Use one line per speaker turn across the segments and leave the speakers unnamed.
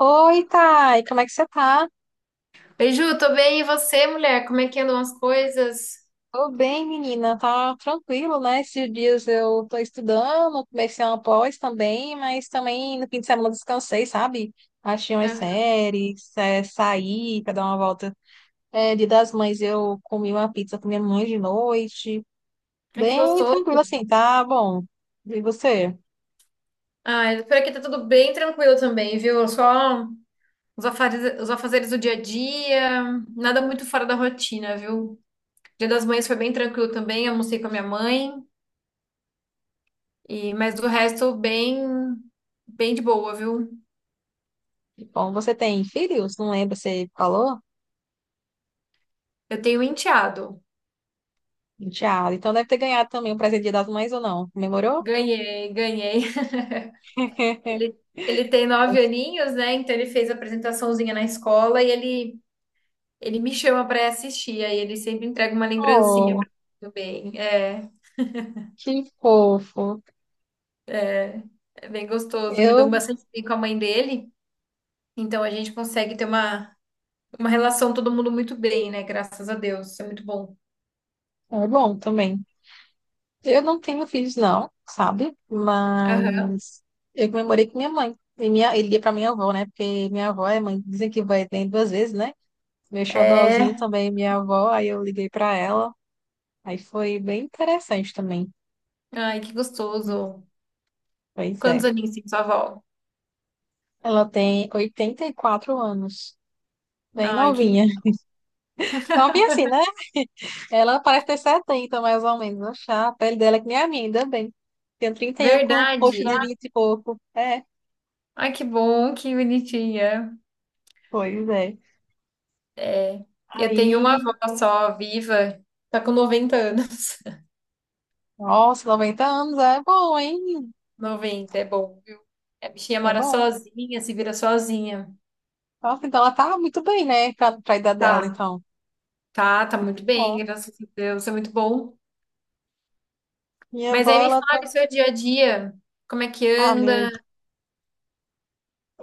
Oi, Thay, como é que você tá?
Oi, Ju, tô bem. E você, mulher? Como é que andam as coisas?
Tô bem, menina, tá tranquilo, né? Esses dias eu tô estudando, comecei uma pós também, mas também no fim de semana eu descansei, sabe? Achei umas
Aham.
séries, saí pra dar uma volta. É, Dia das Mães eu comi uma pizza com minha mãe de noite,
Ai, que
bem
gostoso.
tranquilo assim, tá bom. E você?
Ai, por aqui tá tudo bem tranquilo também, viu? Só os afazeres do dia a dia, nada muito fora da rotina, viu? Dia das Mães foi bem tranquilo também, almocei com a minha mãe, e mas do resto, bem de boa, viu?
Bom, você tem filhos? Não lembro, você falou?
Eu tenho um enteado.
Tiago, então deve ter ganhado também o presente de Dia das Mães ou não? Comemorou?
Ganhei. Ele, ele tem nove aninhos, né? Então ele fez a apresentaçãozinha na escola e ele me chama pra assistir, aí ele sempre entrega uma lembrancinha
Oh,
pra mim bem. É,
que fofo.
é bem gostoso. Me
Eu,
dou bastante bem com a mãe dele, então a gente consegue ter uma relação todo mundo muito bem, né? Graças a Deus, isso é muito bom.
é bom também. Eu não tenho filhos, não, sabe?
Aham.
Mas eu comemorei com minha mãe. E minha, ele ia pra minha avó, né? Porque minha avó é mãe, dizem que vai tem duas vezes, né? Meu xodózinho
É.
também, é minha avó, aí eu liguei pra ela. Aí foi bem interessante também.
Ai, que gostoso.
Pois
Quantos
é.
aninhos tem sua avó?
Ela tem 84 anos. Bem
Ai, que
novinha. Novinha assim, né? Ela parece ter 70 mais ou menos. Achar a pele dela é que nem a minha, ainda bem. Tenho 30 anos com o rosto de
verdade.
vinte e pouco. É,
Ai, que bom, que bonitinha.
pois é.
É, eu tenho uma
Aí,
avó só viva, tá com 90 anos.
nossa, 90 anos é bom, hein?
Noventa é bom, viu? A bichinha
É
mora
bom.
sozinha, se vira sozinha.
Nossa, então ela tá muito bem, né? Pra, pra idade dela,
Tá,
então.
tá muito
Bom,
bem, graças a Deus, é muito bom.
minha
Mas
avó,
aí me
ela
fala o
tá.
seu dia a dia, como é que
Ah, meu.
anda?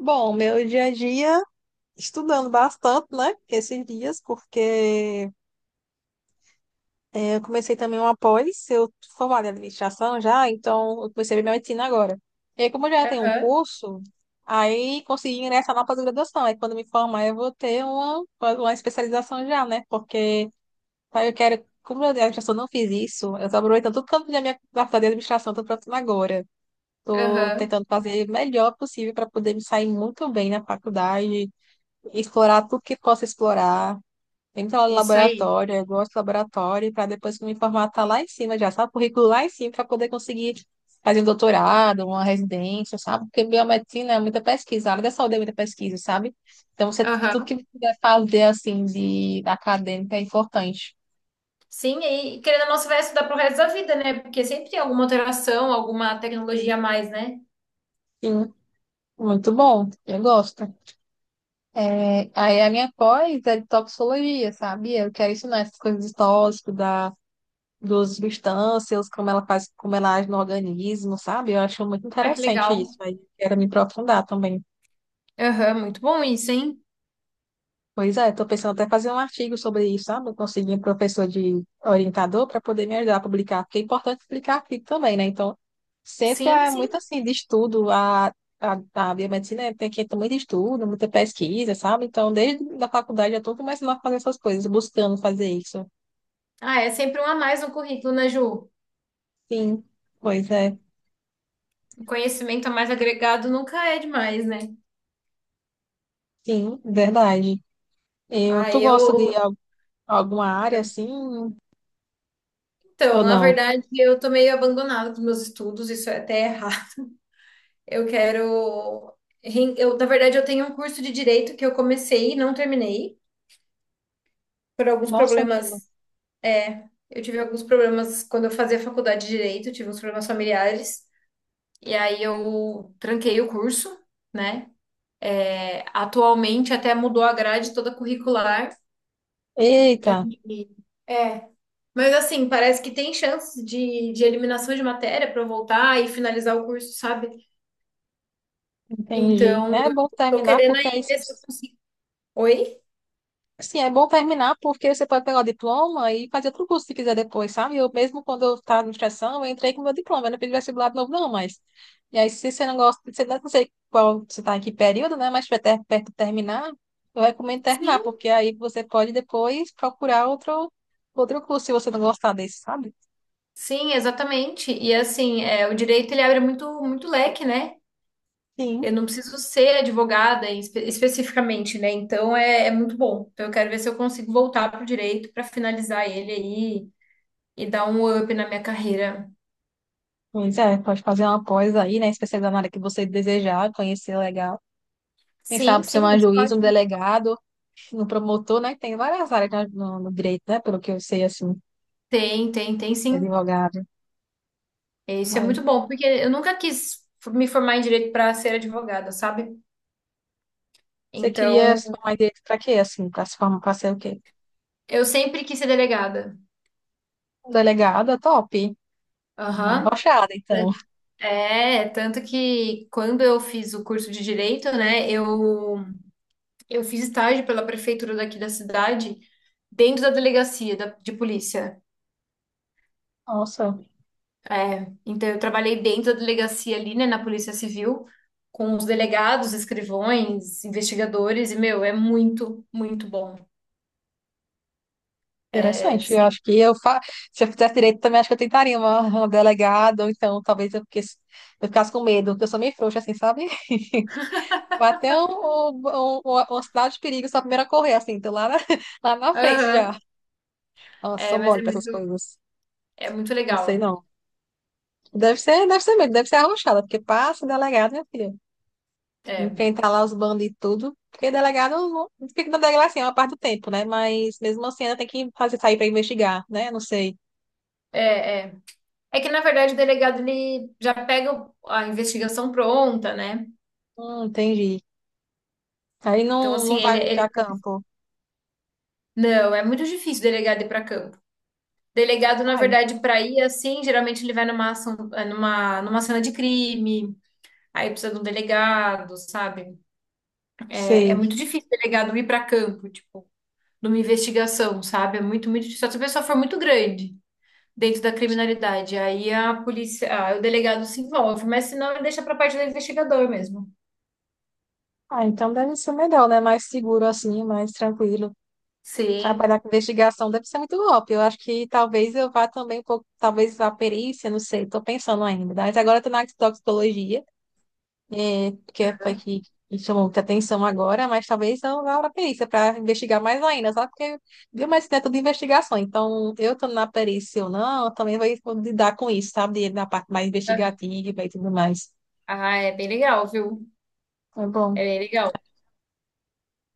Bom, meu dia a dia, estudando bastante, né? Esses dias, porque eu comecei também uma pós, eu tô formada em administração já, então eu comecei a medicina agora. E aí, como eu já tenho um
Aham,
curso, aí consegui ingressar na pós-graduação. Aí quando me formar eu vou ter uma especialização já, né? Porque aí eu quero, como eu já só não fiz isso, eu tô aproveitando tudo que eu da minha faculdade de administração, tô aproveitando agora. Tô
aham,
tentando fazer o melhor possível para poder me sair muito bem na faculdade, explorar tudo que posso explorar. Tem que no
isso aí.
laboratório, eu gosto do laboratório, para depois que eu me formar, tá lá em cima já, sabe? O currículo lá em cima, para poder conseguir fazer um doutorado, uma residência, sabe? Porque biomedicina é muita pesquisa, a área da saúde é muita pesquisa, sabe? Então, você, tudo que
Aham.
você puder fazer, assim, de acadêmica é importante.
Sim, e querendo ou não, você vai estudar pro resto da vida, né? Porque sempre tem alguma alteração, alguma tecnologia a mais, né?
Sim, muito bom, eu gosto. É, aí a minha pós é de toxicologia, sabe? Eu quero ensinar essas coisas de tóxico, da dos substâncias, como ela faz, como ela age no organismo, sabe? Eu acho muito
Ah, que
interessante
legal.
isso, mas quero me aprofundar também.
Aham, muito bom isso, hein?
Pois é, estou pensando até fazer um artigo sobre isso, sabe? Conseguir um professor de orientador para poder me ajudar a publicar, porque é importante publicar artigo também, né? Então, sempre
Sim,
é
sim.
muito assim, de estudo, a biomedicina tem que ter muito estudo, muita pesquisa, sabe? Então, desde a faculdade eu estou começando a fazer essas coisas, buscando fazer isso.
Ah, é sempre um a mais no currículo, né, Ju?
Sim, pois é,
O conhecimento a mais agregado nunca é demais, né?
sim, verdade. Eu,
Ah,
tu gosta de
eu.
alguma área assim?
Então,
Ou
na
não?
verdade, eu tô meio abandonada dos meus estudos, isso é até errado. Eu quero. Ren- Eu, Na verdade, eu tenho um curso de direito que eu comecei e não terminei, por alguns
Nossa, menina.
problemas. É, eu tive alguns problemas quando eu fazia faculdade de direito, tive uns problemas familiares, e aí eu tranquei o curso, né? É, atualmente até mudou a grade toda curricular.
Eita,
E, é. Mas assim, parece que tem chance de eliminação de matéria para eu voltar e finalizar o curso, sabe?
entendi.
Então,
É bom
tô
terminar
querendo
porque é
aí
isso.
ver se eu consigo. Oi?
Sim, é bom terminar porque você pode pegar o diploma e fazer outro curso se quiser depois, sabe? Eu mesmo quando eu estava na administração, eu entrei com meu diploma, eu não pedi vestibular de novo, não, mas. E aí, se você não gosta, você não sei qual você está em que período, né? Mas se tiver perto de terminar, eu recomendo terminar,
Sim,
porque aí você pode depois procurar outro curso se você não gostar desse, sabe?
sim, exatamente. E assim, é, o direito ele abre muito leque, né? Eu
Sim.
não preciso ser advogada especificamente, né? Então é, é muito bom. Então eu quero ver se eu consigo voltar pro direito para finalizar ele aí e dar um up na minha carreira.
Pois é, pode fazer uma pós aí, né? Especializar na área que você desejar, conhecer legal. Quem
Sim,
sabe ser
sim,
um
isso é
juiz, um
ótimo.
delegado, um promotor, né? Tem várias áreas no direito, né? Pelo que eu sei, assim,
Tem, tem, tem sim.
advogado.
É, isso é
Aí,
muito bom, porque eu nunca quis me formar em direito para ser advogada, sabe?
você queria se
Então,
formar em direito pra quê, assim? Pra se formar, pra ser o quê?
eu sempre quis ser delegada.
Um delegado é top. Uma
Aham.
rochada, então.
É, tanto que quando eu fiz o curso de direito, né, eu fiz estágio pela prefeitura daqui da cidade, dentro da delegacia de polícia.
Nossa,
É, então, eu trabalhei dentro da delegacia ali, né, na Polícia Civil, com os delegados, escrivões, investigadores, e, meu, é muito bom. É,
interessante. Eu
sim.
acho que eu fa... se eu fizesse direito também, acho que eu tentaria uma delegada, ou então talvez fiquesse- eu ficasse com medo, porque eu sou meio frouxa, assim, sabe? Bateu o sinal de perigo, sou a primeira a correr, assim, tô lá na, lá na frente já. Nossa, sou
É, mas
mole
é
pra essas
muito,
coisas.
É muito
Não sei
legal.
não. Deve ser mesmo, deve ser arrochada, porque passa delegado, minha filha.
É,
Enfrentar lá os bandos e tudo. Porque delegado não- fica na delegacia uma parte do tempo, né? Mas mesmo assim ainda tem que fazer sair pra investigar, né? Não sei.
é, é. É que, na verdade, o delegado, ele já pega a investigação pronta, né?
Entendi. Aí
Então,
não,
assim,
não vai muito a campo.
Não, é muito difícil o delegado ir para campo. Delegado, na
Ai,
verdade, para ir, assim, geralmente ele vai numa ação, é, numa cena de crime, aí precisa de um delegado, sabe? É, é
sei.
muito difícil o delegado ir para campo, tipo, numa investigação, sabe? É muito, muito difícil. Só se a pessoa for muito grande dentro da criminalidade. Aí a polícia, ah, o delegado se envolve, mas se não deixa para parte do investigador mesmo.
Ah, então deve ser melhor, né? Mais seguro assim, mais tranquilo.
Sim.
Trabalhar com investigação deve ser muito golpe. Eu acho que talvez eu vá também um pouco, talvez a perícia, não sei, estou pensando ainda. Mas agora estou na toxicologia, foi que me chamou muita atenção agora, mas talvez eu vá para a perícia para investigar mais ainda, sabe? Porque biomedicina é tudo investigação, então eu estou na perícia ou não, eu também vou lidar com isso, sabe? Na parte mais
Aham.
investigativa e tudo mais.
Ah, é bem legal, viu?
É bom,
É bem legal.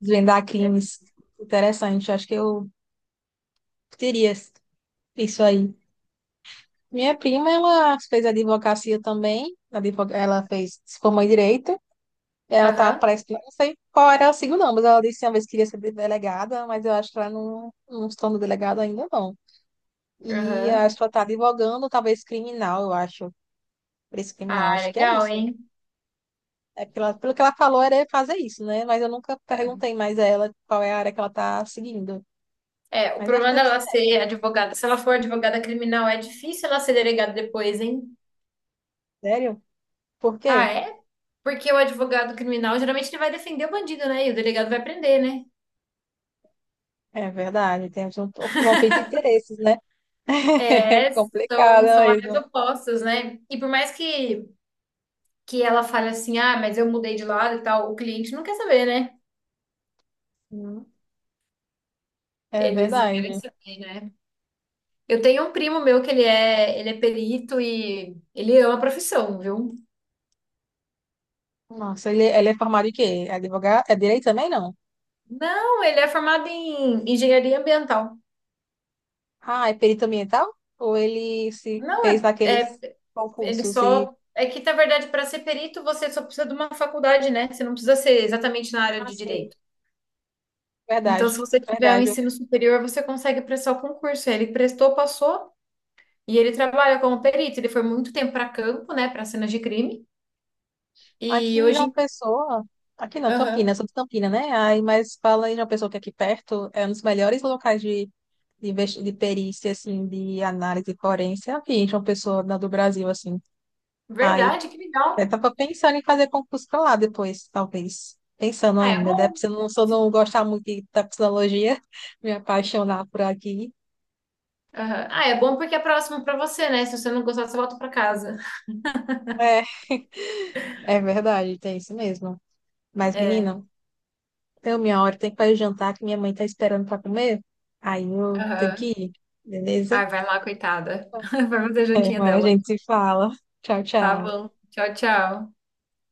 desvendar
É.
crimes, interessante, acho que eu teria isso aí. Minha prima, ela fez advocacia também. Advo- ela fez, se formou em direito. Ela tá,
Aham,
parece que, não sei qual era o signo, não, mas ela disse uma vez que queria ser delegada, mas eu acho que ela não está no delegado ainda, não. E
aham.
acho que ela tá advogando, talvez criminal, eu acho. Preço criminal,
Ah,
acho que é
legal,
isso.
hein?
É pela, pelo que ela falou, era fazer isso, né? Mas eu nunca
É,
perguntei mais a ela qual é a área que ela tá seguindo.
é, o
Mas acho
problema
que deve
dela
ser essa,
ser advogada, se ela for advogada criminal, é difícil ela ser delegada depois, hein?
sério? Por
Ah,
quê?
é? Porque o advogado criminal, geralmente ele vai defender o bandido, né? E o delegado vai prender, né?
É verdade, temos um conflito de interesses, né? É
É,
complicado
são áreas
mesmo.
opostas, né? E por mais que ela fale assim, ah, mas eu mudei de lado e tal, o cliente não quer saber, né?
Hum, É
Eles não querem
verdade.
saber, né? Eu tenho um primo meu que ele é perito e ele ama a profissão, viu?
Nossa, ele é formado em quê? É advogado? É direito também, não?
Não, ele é formado em engenharia ambiental.
Ah, é perito ambiental? Ou ele se
Não,
fez
é, é
naqueles
ele
concursos e...
só é que Na verdade, para ser perito você só precisa de uma faculdade, né? Você não precisa ser exatamente na área
Ah,
de
sim,
direito. Então, se
verdade,
você tiver um
verdade. Eu-
ensino superior, você consegue prestar o concurso. Ele prestou, passou e ele trabalha como perito. Ele foi muito tempo para campo, né, para cenas de crime.
aqui
E
em João
hoje.
Pessoa... Aqui não, Campinas,
Aham.
sou de Campinas, né? Aí, mas fala em João Pessoa que aqui perto é um dos melhores locais de, investi- de perícia, assim, de análise forense. Aqui em João Pessoa, na- do Brasil, assim. Aí
Verdade, que
eu
legal.
tava pensando em fazer concurso pra lá depois, talvez. Pensando
Ah, é
ainda, né?
bom.
Se eu não gostar muito de- da psicologia, me apaixonar por aqui.
Aham. Ah, é bom porque é próximo pra você, né? Se você não gostar, você volta pra casa.
É, é verdade, tem isso mesmo. Mas,
É.
menina, deu minha hora, tem que fazer jantar que minha mãe tá esperando pra comer. Aí eu tenho que
Aham.
ir, beleza?
Ai, vai lá, coitada. Vai fazer a
É,
jantinha
Mas a
dela.
gente se fala. Tchau,
Tá
tchau.
bom. Tchau, tchau.